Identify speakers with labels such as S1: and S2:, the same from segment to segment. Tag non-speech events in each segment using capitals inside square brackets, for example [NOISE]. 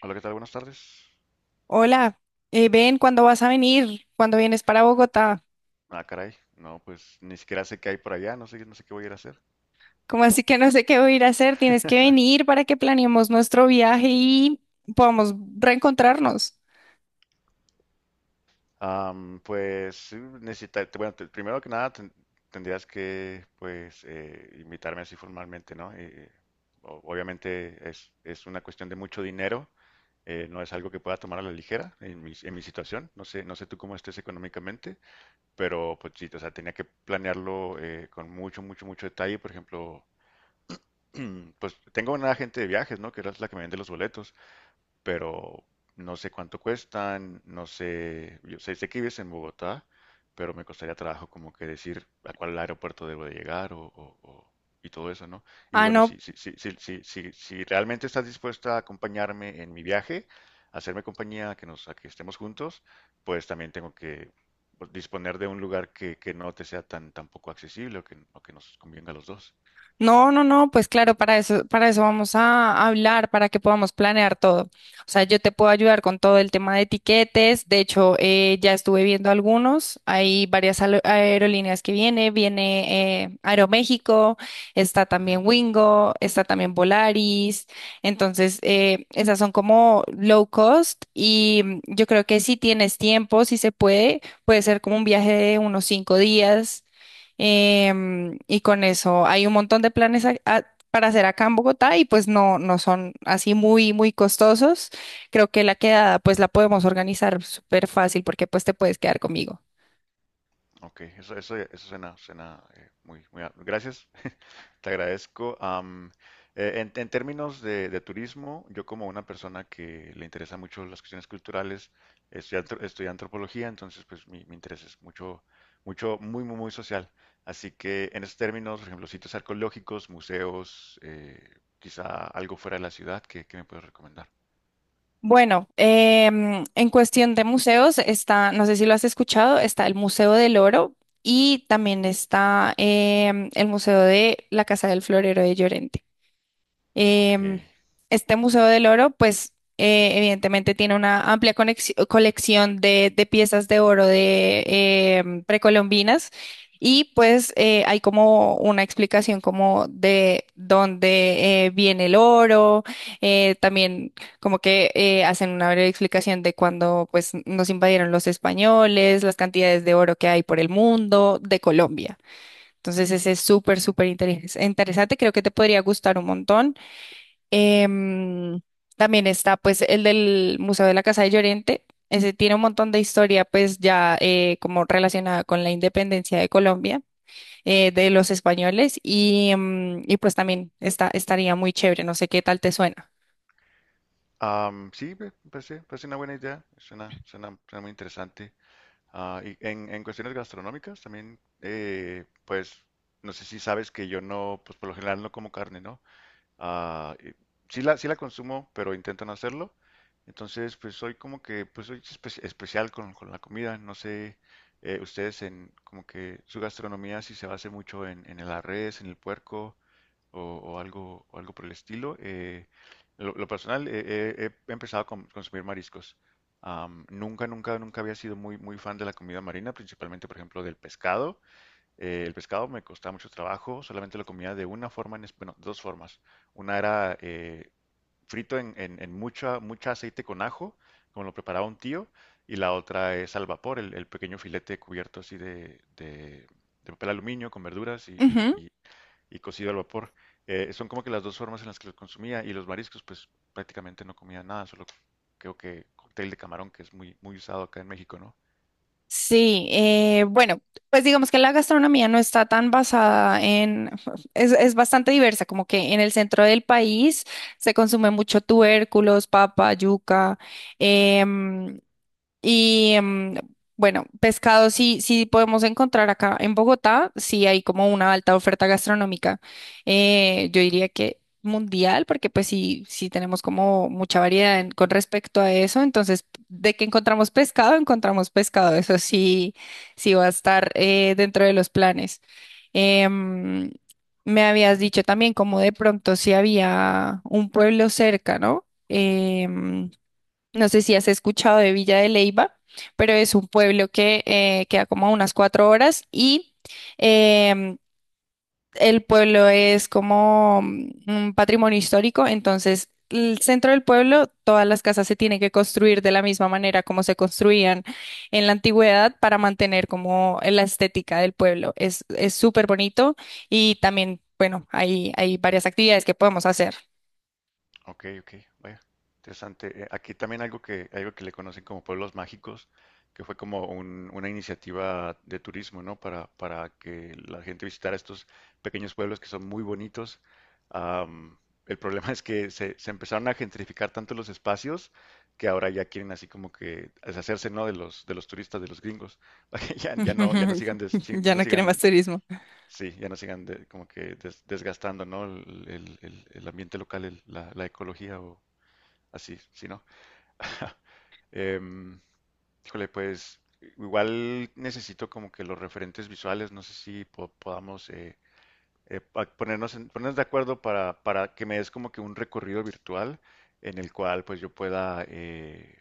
S1: Hola, ¿qué tal? Buenas tardes.
S2: Hola, ven, ¿cuándo vas a venir? ¿Cuándo vienes para Bogotá?
S1: Ah, caray. No, pues ni siquiera sé qué hay por allá, no sé, no sé qué voy a ir a hacer.
S2: ¿Como así que no sé qué voy a ir a hacer? Tienes que
S1: [LAUGHS]
S2: venir para que planeemos nuestro viaje y podamos reencontrarnos.
S1: Pues sí, necesita, bueno, primero que nada tendrías que pues invitarme así formalmente, ¿no? Obviamente es una cuestión de mucho dinero, no es algo que pueda tomar a la ligera en mi situación. No sé, no sé tú cómo estés económicamente, pero pues sí, o sea, tenía que planearlo con mucho, mucho, mucho detalle. Por ejemplo, [CLEARS THROAT] Pues tengo una agente de viajes, ¿no? Que era la que me vende los boletos, pero no sé cuánto cuestan, no sé, yo sé, sé que vives en Bogotá, pero me costaría trabajo como que decir a cuál aeropuerto debo de llegar y todo eso, ¿no? Y
S2: Ah,
S1: bueno,
S2: no.
S1: si realmente estás dispuesta a acompañarme en mi viaje, a hacerme compañía, a que nos, a que estemos juntos, pues también tengo que pues, disponer de un lugar que no te sea tan, tan poco accesible o que nos convenga a los dos.
S2: No, no, no, pues claro, para eso vamos a hablar, para que podamos planear todo. O sea, yo te puedo ayudar con todo el tema de etiquetes. De hecho, ya estuve viendo algunos. Hay varias aerolíneas que viene. Viene Aeroméxico, está también Wingo, está también Volaris. Entonces, esas son como low cost y yo creo que si tienes tiempo, si se puede, puede ser como un viaje de unos 5 días. Y con eso hay un montón de planes para hacer acá en Bogotá, y pues no, no son así muy, muy costosos. Creo que la quedada pues la podemos organizar súper fácil, porque pues te puedes quedar conmigo.
S1: Ok, eso suena, suena muy, muy... a- Gracias, [LAUGHS] te agradezco. En términos de turismo, yo como una persona que le interesa mucho las cuestiones culturales, estudié, estudié antropología, entonces pues mi interés es mucho, mucho, muy, muy, muy social. Así que en esos términos, por ejemplo, sitios arqueológicos, museos, quizá algo fuera de la ciudad, ¿qué, qué me puedes recomendar?
S2: Bueno, en cuestión de museos está, no sé si lo has escuchado, está el Museo del Oro y también está el Museo de la Casa del Florero de Llorente.
S1: Ok.
S2: Em, este Museo del Oro, pues evidentemente tiene una amplia colección de piezas de oro de precolombinas, y pues hay como una explicación como de dónde viene el oro, también como que hacen una breve explicación de cuando pues nos invadieron los españoles, las cantidades de oro que hay por el mundo, de Colombia. Entonces ese es súper,
S1: Ujú.
S2: súper interesante, creo que te podría gustar un montón. Em, También está pues el del Museo de la Casa de Llorente. Ese tiene un montón de historia pues ya como relacionada con la independencia de Colombia, de los españoles, y, em, y pues también está, estaría muy chévere. No sé qué tal te suena.
S1: Sí, me parece, parece una buena idea, suena, suena, suena muy interesante. Ah, y en cuestiones gastronómicas también, pues no sé si sabes que yo no, pues por lo general no como carne, ¿no? Ah, y sí la, sí la consumo, pero intento no hacerlo. Entonces, pues soy como que, pues soy especial con la comida. No sé, ustedes en como que su gastronomía si se basa mucho en la res, en el puerco o algo por el estilo. Lo personal, he empezado a consumir mariscos. Nunca, nunca, nunca había sido muy, muy fan de la comida marina, principalmente, por ejemplo, del pescado. El pescado me costaba mucho trabajo, solamente lo comía de una forma, en, bueno, dos formas. Una era frito en mucha, mucha aceite con ajo, como lo preparaba un tío, y la otra es al vapor, el pequeño filete cubierto así de, de papel aluminio con verduras y,
S2: Ujú.
S1: y cocido al vapor. Son como que las dos formas en las que lo consumía, y los mariscos, pues prácticamente no comía nada, solo creo que cóctel de camarón, que es muy, muy usado acá en México, ¿no?
S2: Sí, bueno, pues digamos que la gastronomía no está tan basada en, [LAUGHS] es bastante diversa, como que en el centro del país se consume mucho tubérculos, papa, yuca, em, y mm, bueno, pescado sí, sí podemos encontrar acá en Bogotá, sí hay como una alta oferta gastronómica. Yo diría que mundial, porque pues sí, sí tenemos como mucha variedad en- con respecto a eso. Entonces, de que encontramos pescado, encontramos pescado. Eso sí, sí va a estar dentro de los planes. Em, Me habías dicho también como de pronto si había un pueblo cerca, ¿no? Em, no sé si has escuchado de Villa de Leyva, pero es un pueblo que queda como a unas 4 horas, y em, el pueblo es como mm, un patrimonio histórico, entonces el centro del pueblo, todas las casas se tienen que construir de la misma manera como se construían en la antigüedad para mantener como la estética del pueblo. Es súper bonito y también, bueno, hay varias actividades que podemos hacer.
S1: Ok, ok, vaya, interesante. Aquí también algo que le conocen como pueblos mágicos, que fue como una iniciativa de turismo, ¿no? Para que la gente visitara estos pequeños pueblos que son muy bonitos. Am, el problema [LAUGHS] es que se empezaron a gentrificar tanto los espacios que ahora ya quieren así como que deshacerse, ¿no? De los turistas, de los gringos, [LAUGHS] para que ya, ya no, ya no
S2: [LAUGHS]
S1: sigan,
S2: Ya
S1: no
S2: no quiere más
S1: sigan.
S2: turismo.
S1: Sí, ya no sigan como que desgastando, ¿no? El, el ambiente local, la, la ecología o así, ¿sí, no? [LAUGHS] Em, híjole, pues igual necesito como que los referentes visuales, no sé si podamos ponernos, ponernos de acuerdo para que me des como que un recorrido virtual en el cual pues yo pueda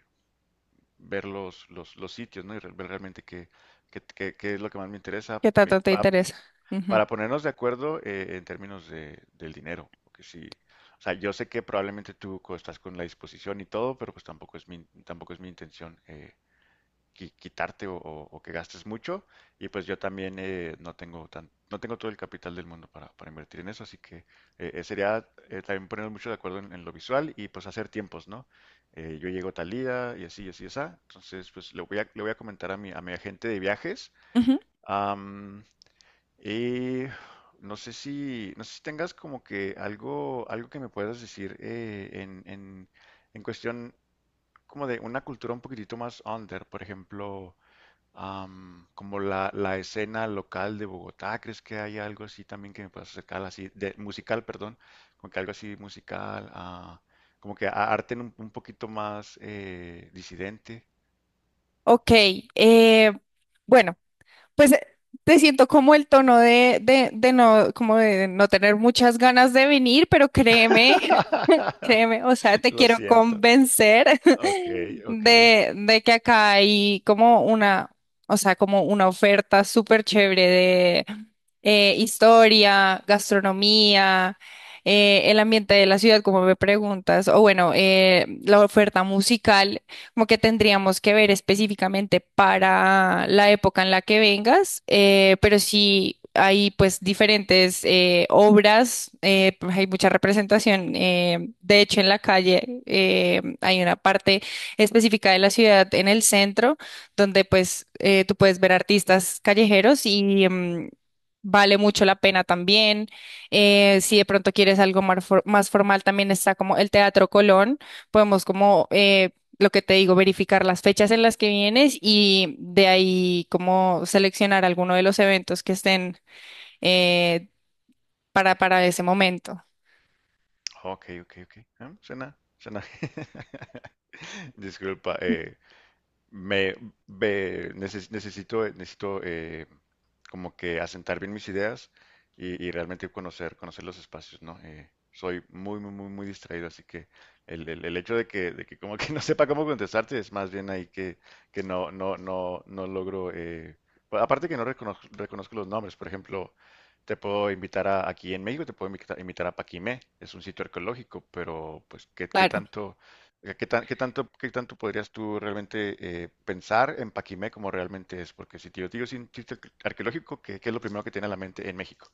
S1: ver los sitios, ¿no? Y ver realmente qué, qué, qué es lo que más me interesa.
S2: ¿Qué tanto te interesa? Ujú.
S1: Para ponernos de acuerdo en términos de, del dinero, porque sí, o sea, yo sé que probablemente tú estás con la disposición y todo, pero pues tampoco es mi, tampoco es mi intención quitarte o que gastes mucho, y pues yo también no tengo tan, no tengo todo el capital del mundo para invertir en eso, así que sería también ponernos mucho de acuerdo en lo visual y pues hacer tiempos, ¿no? Yo llego tal día y así, y así, y así, entonces pues le voy a comentar a mi agente de viajes.
S2: Ujú.
S1: Am, eh, no sé si, no sé si tengas como que algo, algo que me puedas decir en cuestión como de una cultura un poquitito más under, por ejemplo, como la escena local de Bogotá, ¿crees que hay algo así también que me puedas acercar así, de musical, perdón, como que algo así musical, ah, como que arte un poquito más disidente?
S2: Ok, eh, bueno, pues te siento como el tono de no, como de no tener muchas ganas de venir, pero créeme, [LAUGHS]
S1: [LAUGHS]
S2: créeme, o sea, te
S1: Lo
S2: quiero
S1: siento.
S2: convencer
S1: Ok,
S2: [LAUGHS]
S1: ok.
S2: de que acá hay como una, o sea, como una oferta súper chévere, historia, gastronomía, el ambiente de la ciudad, como me preguntas, o bueno, la oferta musical, como que tendríamos que ver específicamente para la época en la que vengas, pero sí hay pues diferentes obras, pues, hay mucha representación, de hecho en la calle hay una parte específica de la ciudad en el centro donde pues tú puedes ver artistas callejeros y, mm, vale mucho la pena también. Si de pronto quieres algo más, formal, también está como el Teatro Colón. Podemos como, lo que te digo, verificar las fechas en las que vienes y de ahí como seleccionar alguno de los eventos que estén eh, para ese momento.
S1: Ok, ok, ok. Ah, suena, suena. [LAUGHS] Disculpa, me, me necesito, necesito como que asentar bien mis ideas y realmente conocer, conocer los espacios, ¿no? Soy muy, muy, muy, muy distraído, así que el, el hecho de que como que [LAUGHS] no sepa cómo contestarte es más bien ahí que no, no, no, no logro, aparte que no reconozco, reconozco los nombres, por ejemplo, te puedo invitar a, aquí en México, te puedo invitar, a Paquimé, es un sitio arqueológico, pero pues, ¿qué, qué
S2: Claro.
S1: tanto? ¿Qué qué tanto podrías tú realmente pensar en Paquimé como realmente es? Porque si te yo te digo sin chiste arqueológico, ¿qué, qué es lo primero que tiene a la mente en México?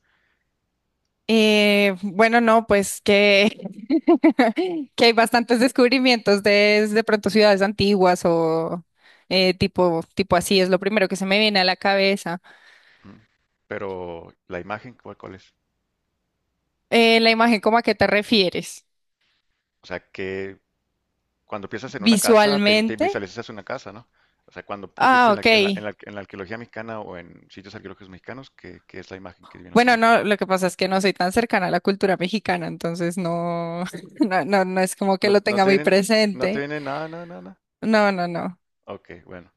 S2: Bueno, no, pues que, [LAUGHS] que hay bastantes descubrimientos de pronto ciudades antiguas o tipo, tipo así, es lo primero que se me viene a la cabeza.
S1: ¿Mm? Pero la imagen, ¿cuál, cuál es?
S2: La imagen, ¿cómo, a qué te refieres?
S1: O sea, que cuando piensas en una casa, te
S2: Visualmente.
S1: visualizas una casa, ¿no? O sea, cuando tú piensas
S2: Ah,
S1: en la,
S2: ok.
S1: en la, en la arqueología mexicana o en sitios arqueológicos mexicanos, ¿qué, qué es la imagen que viene a tu
S2: Bueno,
S1: mente?
S2: no, lo que pasa es que no soy tan cercana a la cultura mexicana, entonces no, [LAUGHS] no, no, no es como que
S1: ¿No,
S2: lo
S1: no
S2: tenga
S1: te
S2: muy
S1: vienen, no te
S2: presente.
S1: vienen nada, nada, nada? ¿Nada?
S2: No, no, no.
S1: Ok, bueno.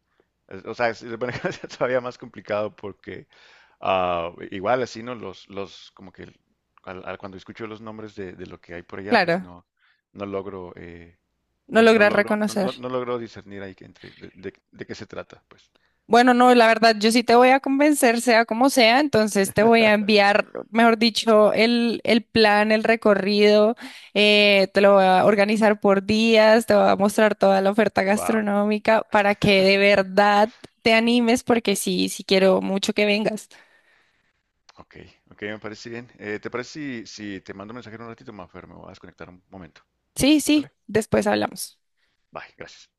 S1: Es- o sea, es, [LAUGHS] bueno, [LAUGHS] es todavía más complicado porque ah, igual así, ¿no? Los, como que cuando escucho los nombres de lo que hay por allá, pues
S2: Claro,
S1: no, no logro,
S2: no
S1: no, no
S2: logras
S1: logro, no,
S2: reconocer.
S1: no logro discernir ahí que entre de, de qué se trata, pues.
S2: Bueno, no, la verdad, yo sí te voy a convencer, sea como sea, entonces te voy a
S1: [LAUGHS]
S2: enviar, mejor dicho, el plan, el recorrido, te lo voy a organizar por días, te voy a mostrar toda la oferta
S1: Wow.
S2: gastronómica para que de verdad te animes, porque sí, sí quiero mucho que vengas.
S1: Ok, ok, me parece bien. ¿Te parece si, si te mando un mensaje en un ratito, Mafer? Me voy a desconectar un momento,
S2: Sí, sí,
S1: ¿vale?
S2: después hablamos.
S1: Bye, gracias.